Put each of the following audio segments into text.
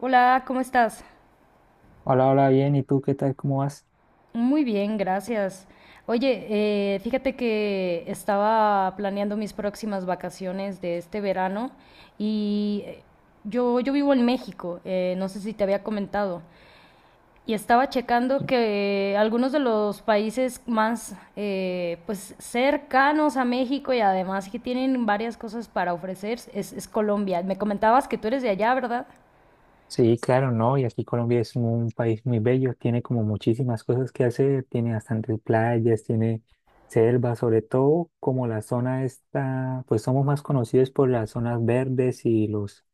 Hola, ¿cómo estás? Hola, hola, bien. ¿Y tú qué tal? ¿Cómo vas? Muy bien, gracias. Oye, fíjate que estaba planeando mis próximas vacaciones de este verano y yo vivo en México, no sé si te había comentado, y estaba checando Sí, que algunos de los países más pues cercanos a México y además que tienen varias cosas para ofrecer es Colombia. Me comentabas que tú eres de allá, ¿verdad? sí, claro, ¿no? Y aquí Colombia es un país muy bello, tiene como muchísimas cosas que hacer, tiene bastantes playas, tiene selva, sobre todo como la zona esta, pues somos más conocidos por las zonas verdes y los,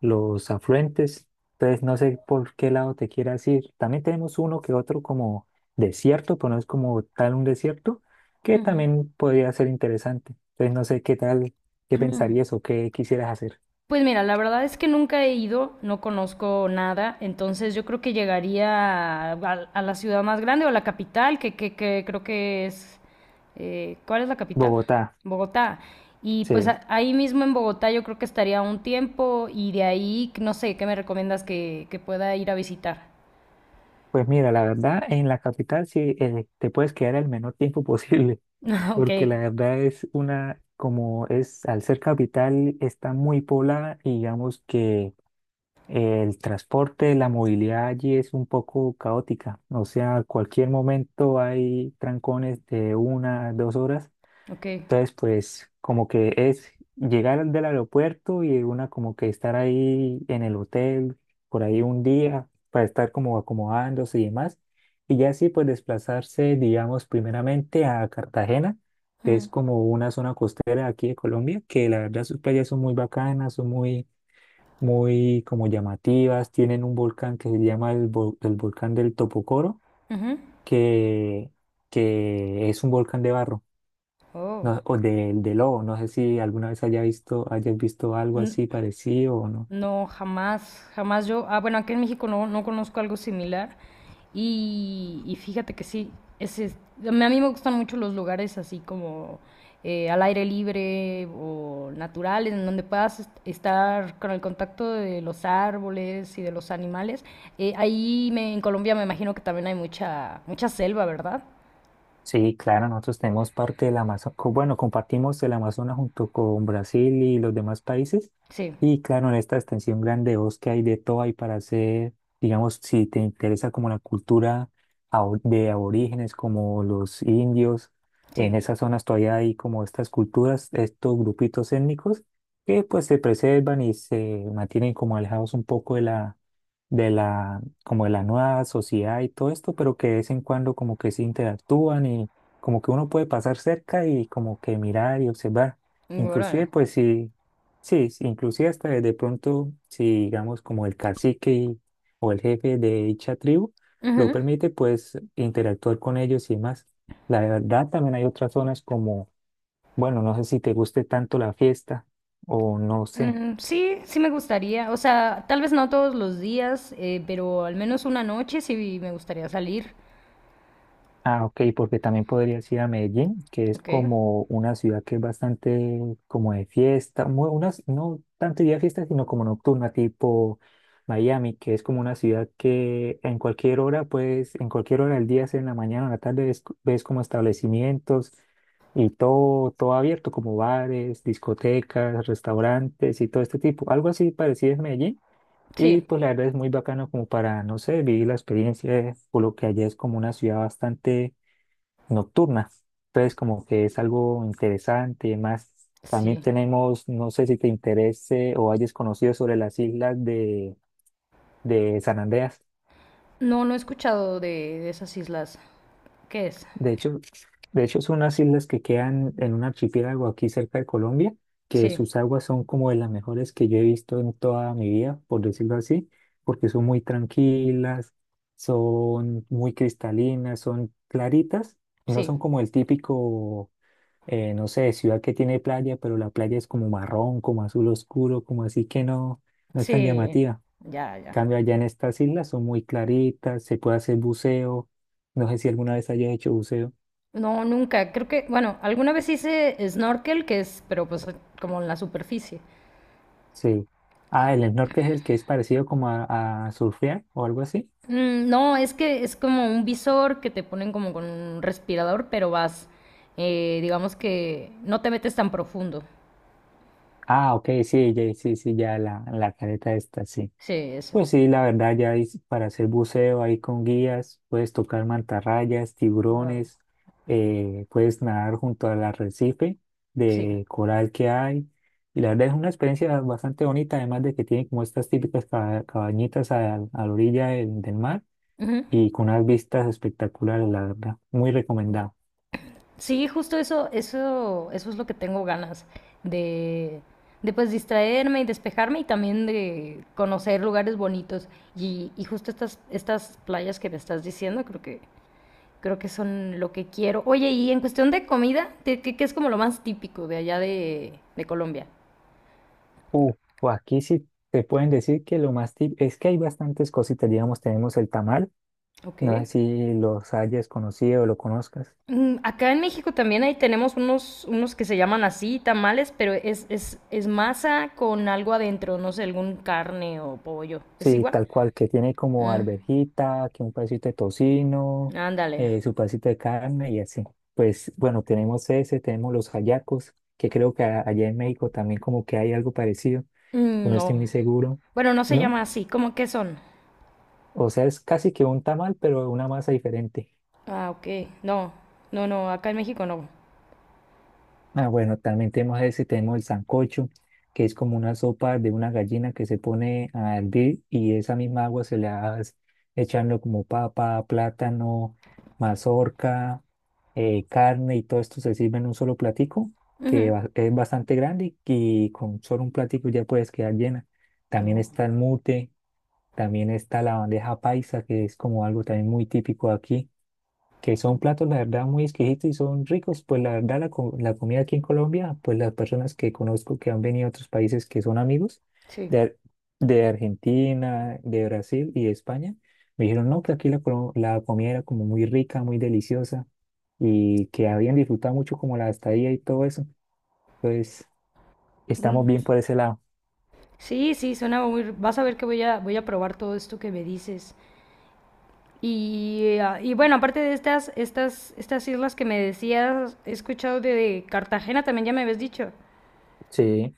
los afluentes. Entonces, no sé por qué lado te quieras ir. También tenemos uno que otro como desierto, pero no es como tal un desierto, que Ujú. también podría ser interesante. Entonces, no sé qué tal, qué pensarías o qué quisieras hacer. Pues mira, la verdad es que nunca he ido, no conozco nada, entonces yo creo que llegaría a la ciudad más grande o a la capital, que creo que es... ¿cuál es la capital? Bogotá, Bogotá. Y pues sí. Ahí mismo en Bogotá yo creo que estaría un tiempo y de ahí, no sé, ¿qué me recomiendas que pueda ir a visitar? Pues mira, la verdad, en la capital sí te puedes quedar el menor tiempo posible, Ok, porque la verdad es una, como es, al ser capital, está muy poblada y digamos que el transporte, la movilidad allí es un poco caótica. O sea, cualquier momento hay trancones de 1, 2 horas. ok. Entonces, pues como que es llegar del aeropuerto y una como que estar ahí en el hotel por ahí un día para estar como acomodándose y demás. Y ya así pues desplazarse, digamos, primeramente a Cartagena, que Ujú, es como una zona costera aquí de Colombia, que la verdad sus playas son muy bacanas, son muy, muy como llamativas, tienen un volcán que se llama el volcán del Topocoro, ujú. que, que es un volcán de barro, no- Oh. o de, de lobo. No sé si alguna vez haya visto, hayas visto algo así parecido o no. No, jamás, jamás yo. Ah, bueno, aquí en México no, no conozco algo similar. Y fíjate que sí, ese es- a mí me gustan mucho los lugares así como al aire libre o naturales, en donde puedas estar con el contacto de los árboles y de los animales. Ahí en Colombia me imagino que también hay mucha, mucha selva, ¿verdad? Sí, claro, nosotros tenemos parte del Amazonas, bueno, compartimos el Amazonas junto con Brasil y los demás países. Sí, Y claro, en esta extensión grande de bosque hay de todo, hay para hacer, digamos, si te interesa como la cultura de aborígenes, como los indios, en sí. esas zonas todavía hay como estas culturas, estos grupitos étnicos que pues se preservan y se mantienen como alejados un poco de la nueva sociedad y todo esto, pero que de vez en cuando como que se interactúan y como que uno puede pasar cerca y como que mirar y observar. Órale. Inclusive, pues sí, sí, sí, inclusive hasta de pronto, si digamos como el cacique o el jefe de dicha tribu lo permite, pues interactuar con ellos y más. La verdad, también hay otras zonas como, bueno, no sé si te guste tanto la fiesta o no sé. Mm, sí, sí me gustaría. O sea, tal vez no todos los días, pero al menos una noche sí me gustaría salir. Ah, ok, porque también podrías ir a Medellín, que es Ok. como una ciudad que es bastante como de fiesta, muy, unas, no tanto día de fiesta, sino como nocturna, tipo Miami, que es como una ciudad que en cualquier hora, pues en cualquier hora del día, sea en la mañana o en la tarde, ves, ves como establecimientos y todo, todo abierto, como bares, discotecas, restaurantes y todo este tipo. Algo así parecido es Medellín. Sí, Y pues la verdad es muy bacano como para, no sé, vivir la experiencia, por lo que allá es como una ciudad bastante nocturna. Entonces, como que es algo interesante y demás. También sí. tenemos, no sé si te interese o hayas conocido sobre las islas de San Andreas. No, no he escuchado de esas islas. ¿Qué es? De hecho, de hecho, son unas islas que quedan en un archipiélago aquí cerca de Colombia, que Sí, sus aguas son como de las mejores que yo he visto en toda mi vida, por decirlo así, porque son muy tranquilas, son muy cristalinas, son claritas, no sí, son como el típico no sé, ciudad que tiene playa, pero la playa es como marrón, como azul oscuro, como así que no, no es tan sí. llamativa. Ya, ya. Cambio, allá en estas islas son muy claritas, se puede hacer buceo. No sé si alguna vez haya hecho buceo. No, nunca. Creo que, bueno, alguna vez hice snorkel, que es, pero pues como en la superficie. Sí. Ah, el snorkel es el que es parecido como a surfear o algo así. Mm, no, es que es como un visor que te ponen como con un respirador, pero vas, digamos que no te metes tan profundo. Ah, ok, sí, sí, sí, ya la careta esta, sí. Sí, eso. Pues sí, la verdad, para hacer buceo ahí con guías, puedes tocar mantarrayas, Wow. tiburones, puedes nadar junto al arrecife Sí. de coral que hay. Y la verdad es una experiencia bastante bonita, además de que tiene como estas típicas cabañitas a la orilla del mar Ujú. y con unas vistas espectaculares, la verdad, muy recomendado. Sí, justo eso, eso, eso es lo que tengo ganas de, de pues distraerme y despejarme y también de conocer lugares bonitos. Y justo estas, estas playas que me estás diciendo, creo que son lo que quiero. Oye, y en cuestión de comida, ¿qué es como lo más típico de allá de Colombia? Uh, o aquí sí te pueden decir que lo más tip es que hay bastantes cositas, digamos, tenemos el tamal, Ok. no sé si los hayas conocido o lo conozcas. Mm, acá en México también ahí tenemos unos, unos que se llaman así, tamales, pero es masa con algo adentro, no sé, algún carne o pollo. ¿Es Sí, igual? tal cual, que tiene como Mm, arvejita, que un pedacito de tocino, ándale. Su pedacito de carne y así. Pues bueno, tenemos ese, tenemos los hallacos, que creo que allá en México también como que hay algo parecido, Mm, no estoy no. muy seguro, Bueno, no se llama ¿no? así. ¿Cómo que son? O sea, es casi que un tamal, pero una masa diferente. Ah, ok. No, no, no, acá en México no. Ah, bueno, también tenemos ese, tenemos el sancocho, que es como una sopa de una gallina que se pone a hervir y esa misma agua se le va echando como papa, plátano, mazorca, carne y todo esto se sirve en un solo platico, que Ujú. Es bastante grande y con solo un platico ya puedes quedar llena. También No, está el mute, también está la bandeja paisa, que es como algo también muy típico aquí que son platos, la verdad, muy exquisitos y son ricos. Pues la verdad, la, la comida aquí en Colombia, pues las personas que conozco que han venido a otros países que son amigos sí. de, de Argentina, de Brasil y de España, me dijeron, no, que aquí la, la comida era como muy rica, muy deliciosa y que habían disfrutado mucho como la estadía y todo eso. Entonces, estamos Mm. bien por ese lado. Sí, sí, suena muy... Vas a ver que voy a probar todo esto que me dices. Y, ah, y bueno, aparte de estas, estas, estas islas que me decías, he escuchado de Cartagena también, ya me habías dicho. Sí,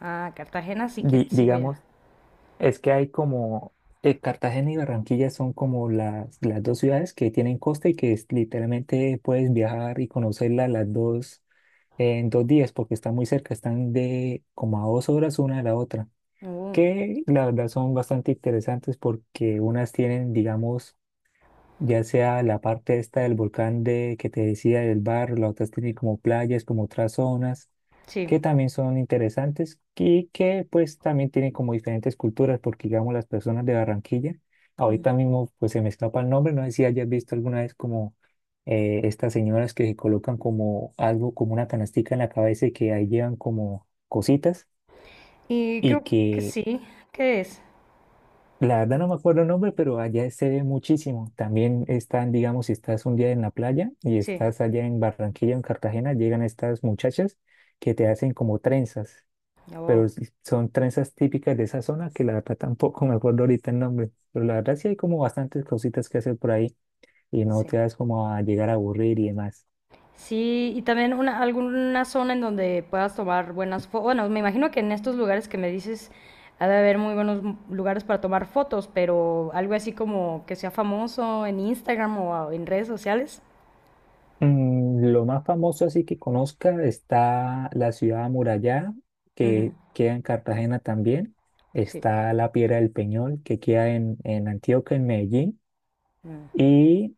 Ah, Cartagena sí que sí voy a. digamos. Es que hay como, Cartagena y Barranquilla son como las dos ciudades que tienen costa y que literalmente puedes viajar y conocerlas las dos en 2 días porque están muy cerca, están de como a 2 horas una de la otra, Uh, que la verdad son bastante interesantes porque unas tienen, digamos, ya sea la parte esta del volcán de, que te decía del barro, la otra tiene como playas, como otras zonas, sí. que también son interesantes y que pues también tienen como diferentes culturas, porque digamos las personas de Barranquilla, ahorita Mm. mismo pues se me escapa el nombre, no sé si hayas visto alguna vez como estas señoras que se colocan como algo, como una canastica en la cabeza y que ahí llevan como cositas Y y creo que que sí. ¿Qué es? la verdad no me acuerdo el nombre, pero allá se ve muchísimo. También están, digamos, si estás un día en la playa y Sí. estás allá en Barranquilla o en Cartagena, llegan estas muchachas que te hacen como trenzas, pero Oh, son trenzas típicas de esa zona que la verdad tampoco me acuerdo ahorita el nombre. Pero la verdad sí hay como bastantes cositas que hacer por ahí y no te sí. das como a llegar a aburrir y demás. Sí, y también una, alguna zona en donde puedas tomar buenas fotos. Bueno, me imagino que en estos lugares que me dices ha de haber muy buenos lugares para tomar fotos, pero algo así como que sea famoso en Instagram o en redes sociales. Lo más famoso así que conozca está la ciudad amurallada, que queda en Cartagena también. Sí. Está la Piedra del Peñol, que queda en Antioquia, en Medellín. Mm, ¿Y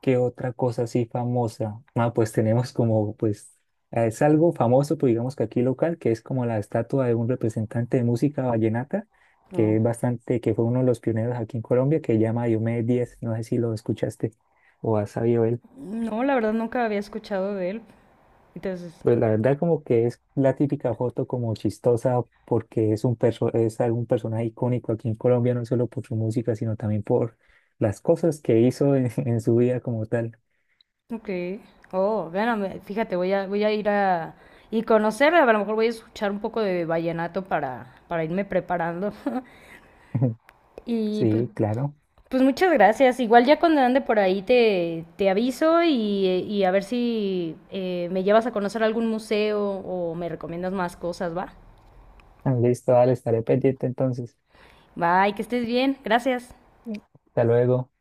qué otra cosa así famosa? Ah, pues tenemos como, pues, es algo famoso, pues digamos que aquí local, que es como la estatua de un representante de música vallenata, que no, es bastante, que fue uno de los pioneros aquí en Colombia, que se llama Diomedes Díaz. No sé si lo escuchaste o has sabido de él. no, la verdad nunca había escuchado de él. Entonces, Pues la verdad como que es la típica foto como chistosa porque es algún personaje icónico aquí en Colombia, no solo por su música, sino también por las cosas que hizo en, en su vida como tal. ok. Oh, bueno, fíjate, voy a ir a... Y conocer, a lo mejor voy a escuchar un poco de vallenato para irme preparando. Y pues, Sí, claro. pues muchas gracias. Igual ya cuando ande por ahí te, te aviso y a ver si me llevas a conocer algún museo o me recomiendas más cosas, ¿va? Ah, listo, dale, estaré pendiente entonces. Bye, que estés bien. Gracias. Hasta luego.